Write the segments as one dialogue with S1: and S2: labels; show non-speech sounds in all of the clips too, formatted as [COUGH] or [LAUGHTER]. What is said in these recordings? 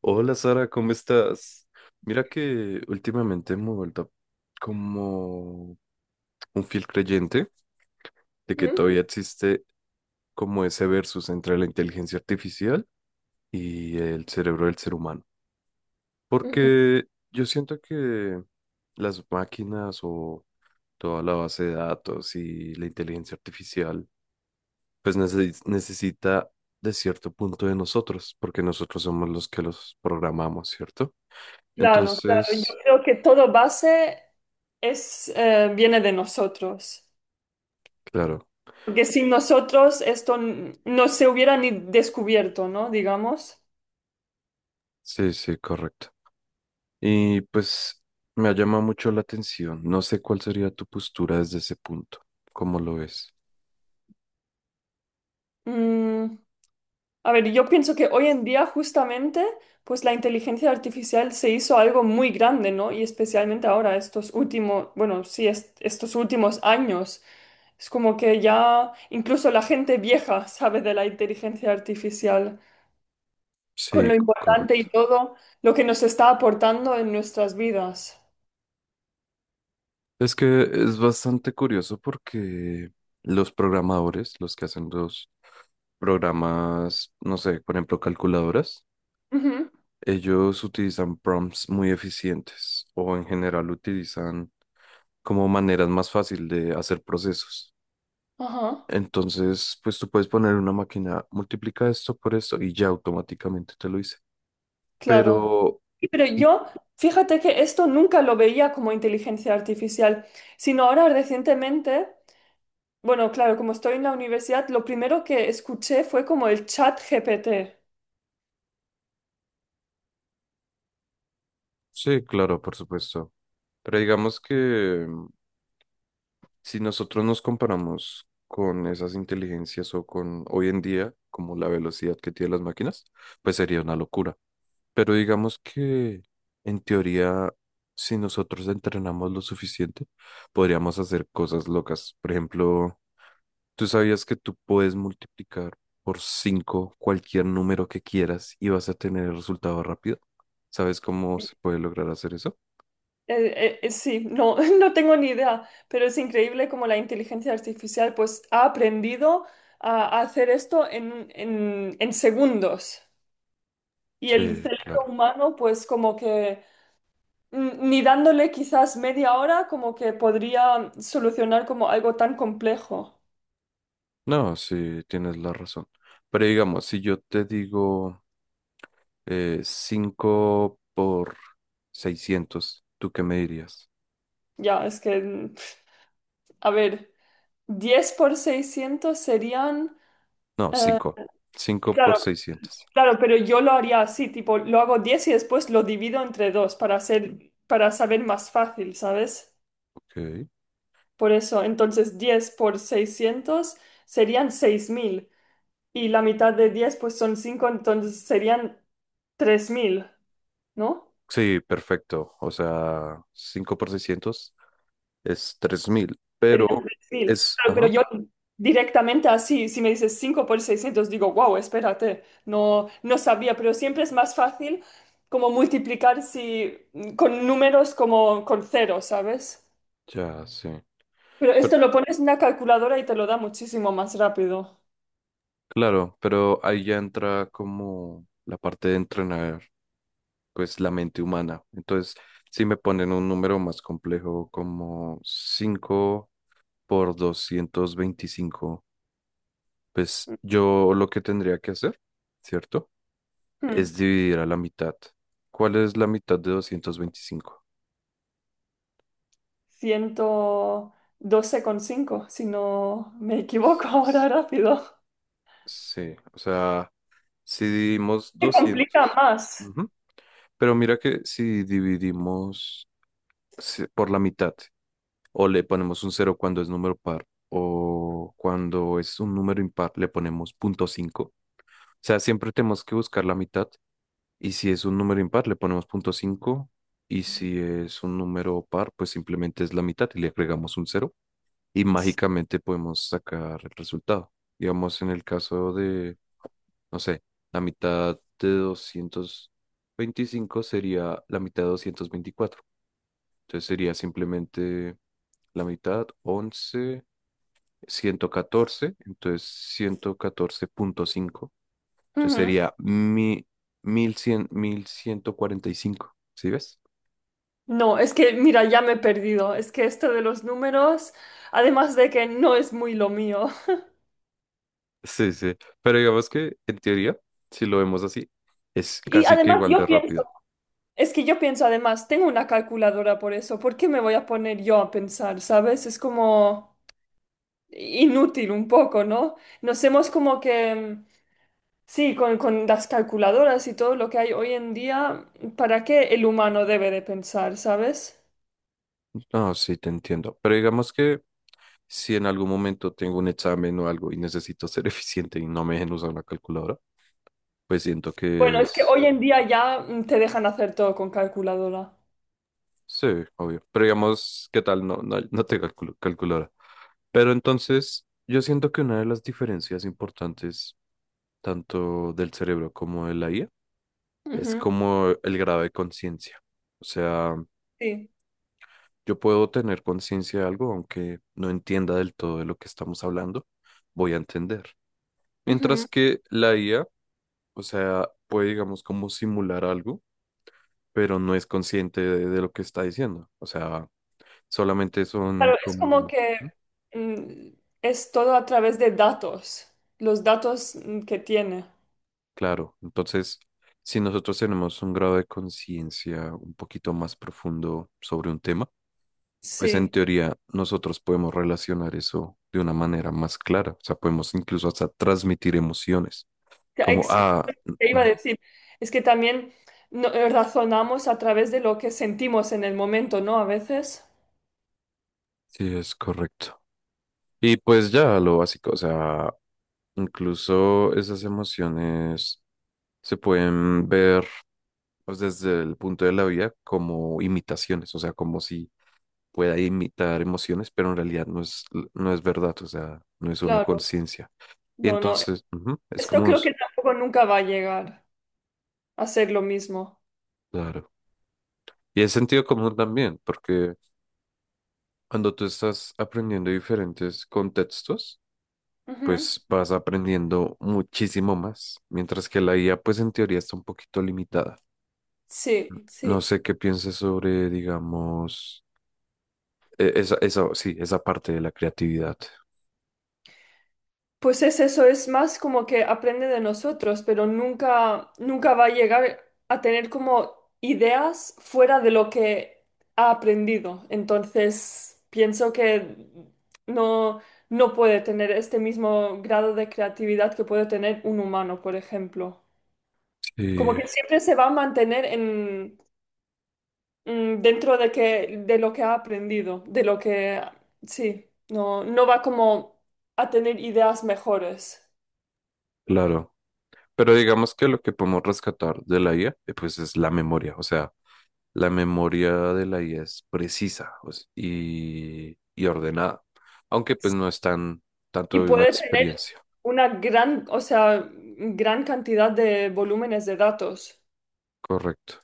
S1: Hola Sara, ¿cómo estás? Mira que últimamente me he vuelto como un fiel creyente de que
S2: Ujú,
S1: todavía existe como ese versus entre la inteligencia artificial y el cerebro del ser humano.
S2: ujú.
S1: Porque yo siento que las máquinas o toda la base de datos y la inteligencia artificial pues necesita de cierto punto de nosotros, porque nosotros somos los que los programamos, ¿cierto?
S2: Claro, claro. Yo
S1: Entonces,
S2: creo que todo base viene de nosotros.
S1: claro.
S2: Porque sin nosotros esto no se hubiera ni descubierto, ¿no? Digamos.
S1: Sí, sí, correcto. Y pues me ha llamado mucho la atención. No sé cuál sería tu postura desde ese punto, cómo lo ves.
S2: Mm, a ver, yo pienso que hoy en día justamente, pues la inteligencia artificial se hizo algo muy grande, ¿no? Y especialmente ahora, estos últimos, bueno, sí, estos últimos años. Es como que ya incluso la gente vieja sabe de la inteligencia artificial, con
S1: Sí,
S2: lo importante
S1: correcto.
S2: y todo lo que nos está aportando en nuestras vidas.
S1: Es que es bastante curioso porque los programadores, los que hacen los programas, no sé, por ejemplo, calculadoras,
S2: Ujú,
S1: ellos utilizan prompts muy eficientes o en general utilizan como maneras más fácil de hacer procesos.
S2: ajá,
S1: Entonces, pues tú puedes poner una máquina, multiplica esto por esto y ya automáticamente te lo dice.
S2: claro.
S1: Pero,
S2: Y Pero
S1: y-
S2: yo, fíjate que esto nunca lo veía como inteligencia artificial, sino ahora recientemente, bueno, claro, como estoy en la universidad, lo primero que escuché fue como el chat GPT.
S1: sí, claro, por supuesto. Pero digamos que si nosotros nos comparamos con esas inteligencias o con hoy en día, como la velocidad que tienen las máquinas, pues sería una locura. Pero digamos que en teoría, si nosotros entrenamos lo suficiente, podríamos hacer cosas locas. Por ejemplo, ¿tú sabías que tú puedes multiplicar por 5 cualquier número que quieras y vas a tener el resultado rápido? ¿Sabes cómo se puede lograr hacer eso?
S2: Sí, no, [LAUGHS] no tengo ni idea, pero es increíble cómo la inteligencia artificial pues ha aprendido a hacer esto en segundos. Y el
S1: Sí,
S2: cerebro
S1: claro.
S2: humano, pues como que ni dándole quizás media hora, como que podría solucionar como algo tan complejo.
S1: No, sí, tienes la razón. Pero digamos, si yo te digo 5 por 600, ¿tú qué me dirías?
S2: Ya, es que, a ver, 10 por 600 serían...
S1: No,
S2: eh,
S1: cinco. Cinco por
S2: claro,
S1: 600.
S2: claro, pero yo lo haría así, tipo, lo hago 10 y después lo divido entre dos para hacer, para saber más fácil, ¿sabes?
S1: Ok.
S2: Por eso, entonces 10 por 600 serían 6.000 y la mitad de 10 pues son cinco, entonces serían tres mil, ¿no?
S1: Sí, perfecto. O sea, 5 por 600 es 3.000,
S2: Sería un
S1: pero
S2: perfil.
S1: es.
S2: Claro, pero
S1: Ajá.
S2: yo directamente así, si me dices 5 por 600 digo, wow, espérate, no, no sabía, pero siempre es más fácil como multiplicar si, con números como con ceros, ¿sabes?
S1: Ya, sí.
S2: Pero esto
S1: Pero-
S2: lo pones en una calculadora y te lo da muchísimo más rápido.
S1: Claro, pero ahí ya entra como la parte de entrenar, pues la mente humana. Entonces, si me ponen un número más complejo como 5 por 225, pues yo lo que tendría que hacer, ¿cierto?
S2: Hmm,
S1: Es dividir a la mitad. ¿Cuál es la mitad de 225?
S2: ciento doce coma cinco si no me equivoco ahora rápido.
S1: Sí, o sea, si dividimos
S2: Se complica
S1: 200,
S2: más.
S1: ujú, pero mira que si dividimos, sí, por la mitad, o le ponemos un cero cuando es número par, o cuando es un número impar le ponemos punto cinco. O sea, siempre tenemos que buscar la mitad, y si es un número impar le ponemos punto cinco, y si es un número par, pues simplemente es la mitad y le agregamos un cero, y mágicamente podemos sacar el resultado. Digamos, en el caso de, no sé, la mitad de doscientos veinticinco sería la mitad de 224. Entonces sería simplemente la mitad, 11, 114, entonces ciento catorce punto cinco. Entonces
S2: Ujú.
S1: sería 1.000, 1.100, 1.145. ¿Sí ves?
S2: No, es que, mira, ya me he perdido. Es que esto de los números, además de que no es muy lo mío.
S1: Sí, sí. Pero digamos que en teoría, si lo vemos así, es
S2: Y
S1: casi que
S2: además
S1: igual
S2: yo
S1: de
S2: pienso,
S1: rápido.
S2: es que yo pienso además, tengo una calculadora por eso, ¿por qué me voy a poner yo a pensar, sabes? Es como inútil un poco, ¿no? Nos hemos como que, sí, con las calculadoras y todo lo que hay hoy en día, ¿para qué el humano debe de pensar, sabes?
S1: No, sí, te entiendo. Pero digamos que si en algún momento tengo un examen o algo y necesito ser [LAUGHS] eficiente y no me dejen usar una calculadora, pues siento
S2: Bueno,
S1: que
S2: es que
S1: es.
S2: hoy en día ya te dejan hacer todo con calculadora.
S1: Sí, obvio. Pero digamos, ¿qué tal? No, no, no te calculo, calculadora. Pero entonces, yo siento que una de las diferencias importantes, tanto del cerebro como de la IA, es
S2: Ujú,
S1: como el grado de conciencia. O sea,
S2: sí.
S1: yo puedo tener conciencia de algo, aunque no entienda del todo de lo que estamos hablando, voy a entender. Mientras
S2: Ujú.
S1: que la IA, o sea, puede, digamos, como simular algo, pero no es consciente de lo que está diciendo. O sea, solamente son
S2: Claro, es como
S1: como.
S2: que mm, es todo a través de datos, los datos que tiene.
S1: Claro, entonces, si nosotros tenemos un grado de conciencia un poquito más profundo sobre un tema, pues en
S2: Sí,
S1: teoría nosotros podemos relacionar eso de una manera más clara, o sea, podemos incluso hasta transmitir emociones,
S2: Que
S1: como
S2: ex- te
S1: mm,
S2: iba a
S1: mm,
S2: decir, es que también razonamos a través de lo que sentimos en el momento, ¿no? A veces,
S1: sí, es correcto. Y pues ya lo básico, o sea, incluso esas emociones se pueden ver pues, desde el punto de la vida como imitaciones, o sea, como si pueda imitar emociones, pero en realidad no es, no es verdad, o sea, no es una
S2: claro,
S1: conciencia. Y
S2: no, no,
S1: entonces, es
S2: esto
S1: como un.
S2: creo que tampoco nunca va a llegar a ser lo mismo.
S1: Claro. Y es sentido común también, porque cuando tú estás aprendiendo diferentes contextos,
S2: Ujú.
S1: pues vas aprendiendo muchísimo más, mientras que la IA, pues en teoría está un poquito limitada.
S2: Sí, sí.
S1: No sé qué pienses sobre, digamos, sí, esa parte de la creatividad.
S2: Pues es eso, es más como que aprende de nosotros, pero nunca, nunca va a llegar a tener como ideas fuera de lo que ha aprendido. Entonces, pienso que no, no puede tener este mismo grado de creatividad que puede tener un humano, por ejemplo. Como
S1: Sí.
S2: que siempre se va a mantener en, dentro de que, de lo que ha aprendido, de lo que, sí, no, no va como a tener ideas mejores.
S1: Claro, pero digamos que lo que podemos rescatar de la IA, pues es la memoria, o sea, la memoria de la IA es precisa pues, y ordenada, aunque pues no es tan
S2: Y
S1: tanto de una
S2: puede tener
S1: experiencia,
S2: una gran, o sea, gran cantidad de volúmenes de datos.
S1: correcto.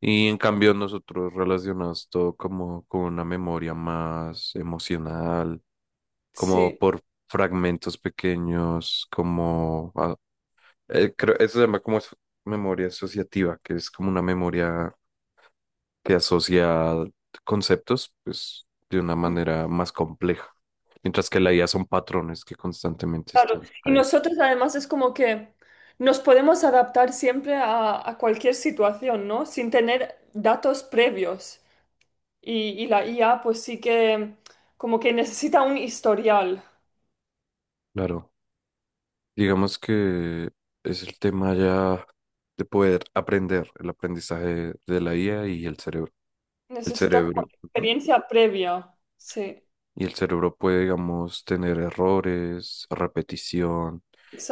S1: Y en cambio nosotros relacionamos todo como con una memoria más emocional, como
S2: Sí,
S1: por fragmentos pequeños, como, creo, eso se llama como memoria asociativa, que es como una memoria que asocia conceptos, pues, de una manera más compleja. Mientras que la IA son patrones que constantemente
S2: claro.
S1: están
S2: Y
S1: ahí.
S2: nosotros además es como que nos podemos adaptar siempre a cualquier situación, ¿no? Sin tener datos previos. Y la IA pues sí que como que necesita un historial,
S1: Claro, digamos que es el tema ya de poder aprender el aprendizaje de la IA y el cerebro. El
S2: necesita como
S1: cerebro. Ujú.
S2: experiencia previa. Sí,
S1: Y el cerebro puede, digamos, tener errores, repetición,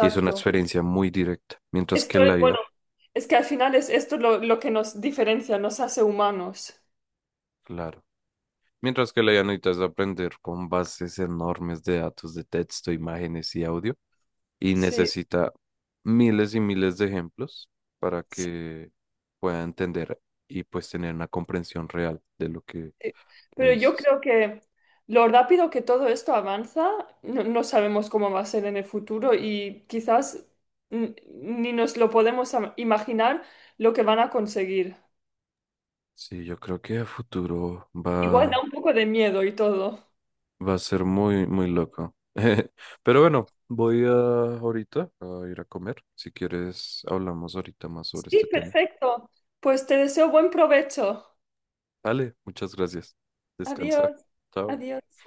S1: y es una experiencia muy directa. Mientras que
S2: Esto es,
S1: la IA,
S2: bueno, es que al final es esto lo que nos diferencia, nos hace humanos.
S1: claro. Mientras que la llanita es aprender con bases enormes de datos de texto, imágenes y audio, y
S2: Sí.
S1: necesita miles y miles de ejemplos para
S2: Sí,
S1: que pueda entender y pues tener una comprensión real de lo que le
S2: pero yo
S1: dices.
S2: creo que lo rápido que todo esto avanza, no, no sabemos cómo va a ser en el futuro y quizás ni nos lo podemos imaginar lo que van a conseguir.
S1: Sí, yo creo que a futuro
S2: Igual da
S1: va,
S2: un poco de miedo y todo.
S1: va a ser muy, muy loco. [LAUGHS] Pero bueno, voy a ahorita a ir a comer. Si quieres, hablamos ahorita más sobre este
S2: Sí,
S1: tema.
S2: perfecto. Pues te deseo buen provecho.
S1: Vale, muchas gracias. Descansa.
S2: Adiós.
S1: Chao.
S2: Adiós.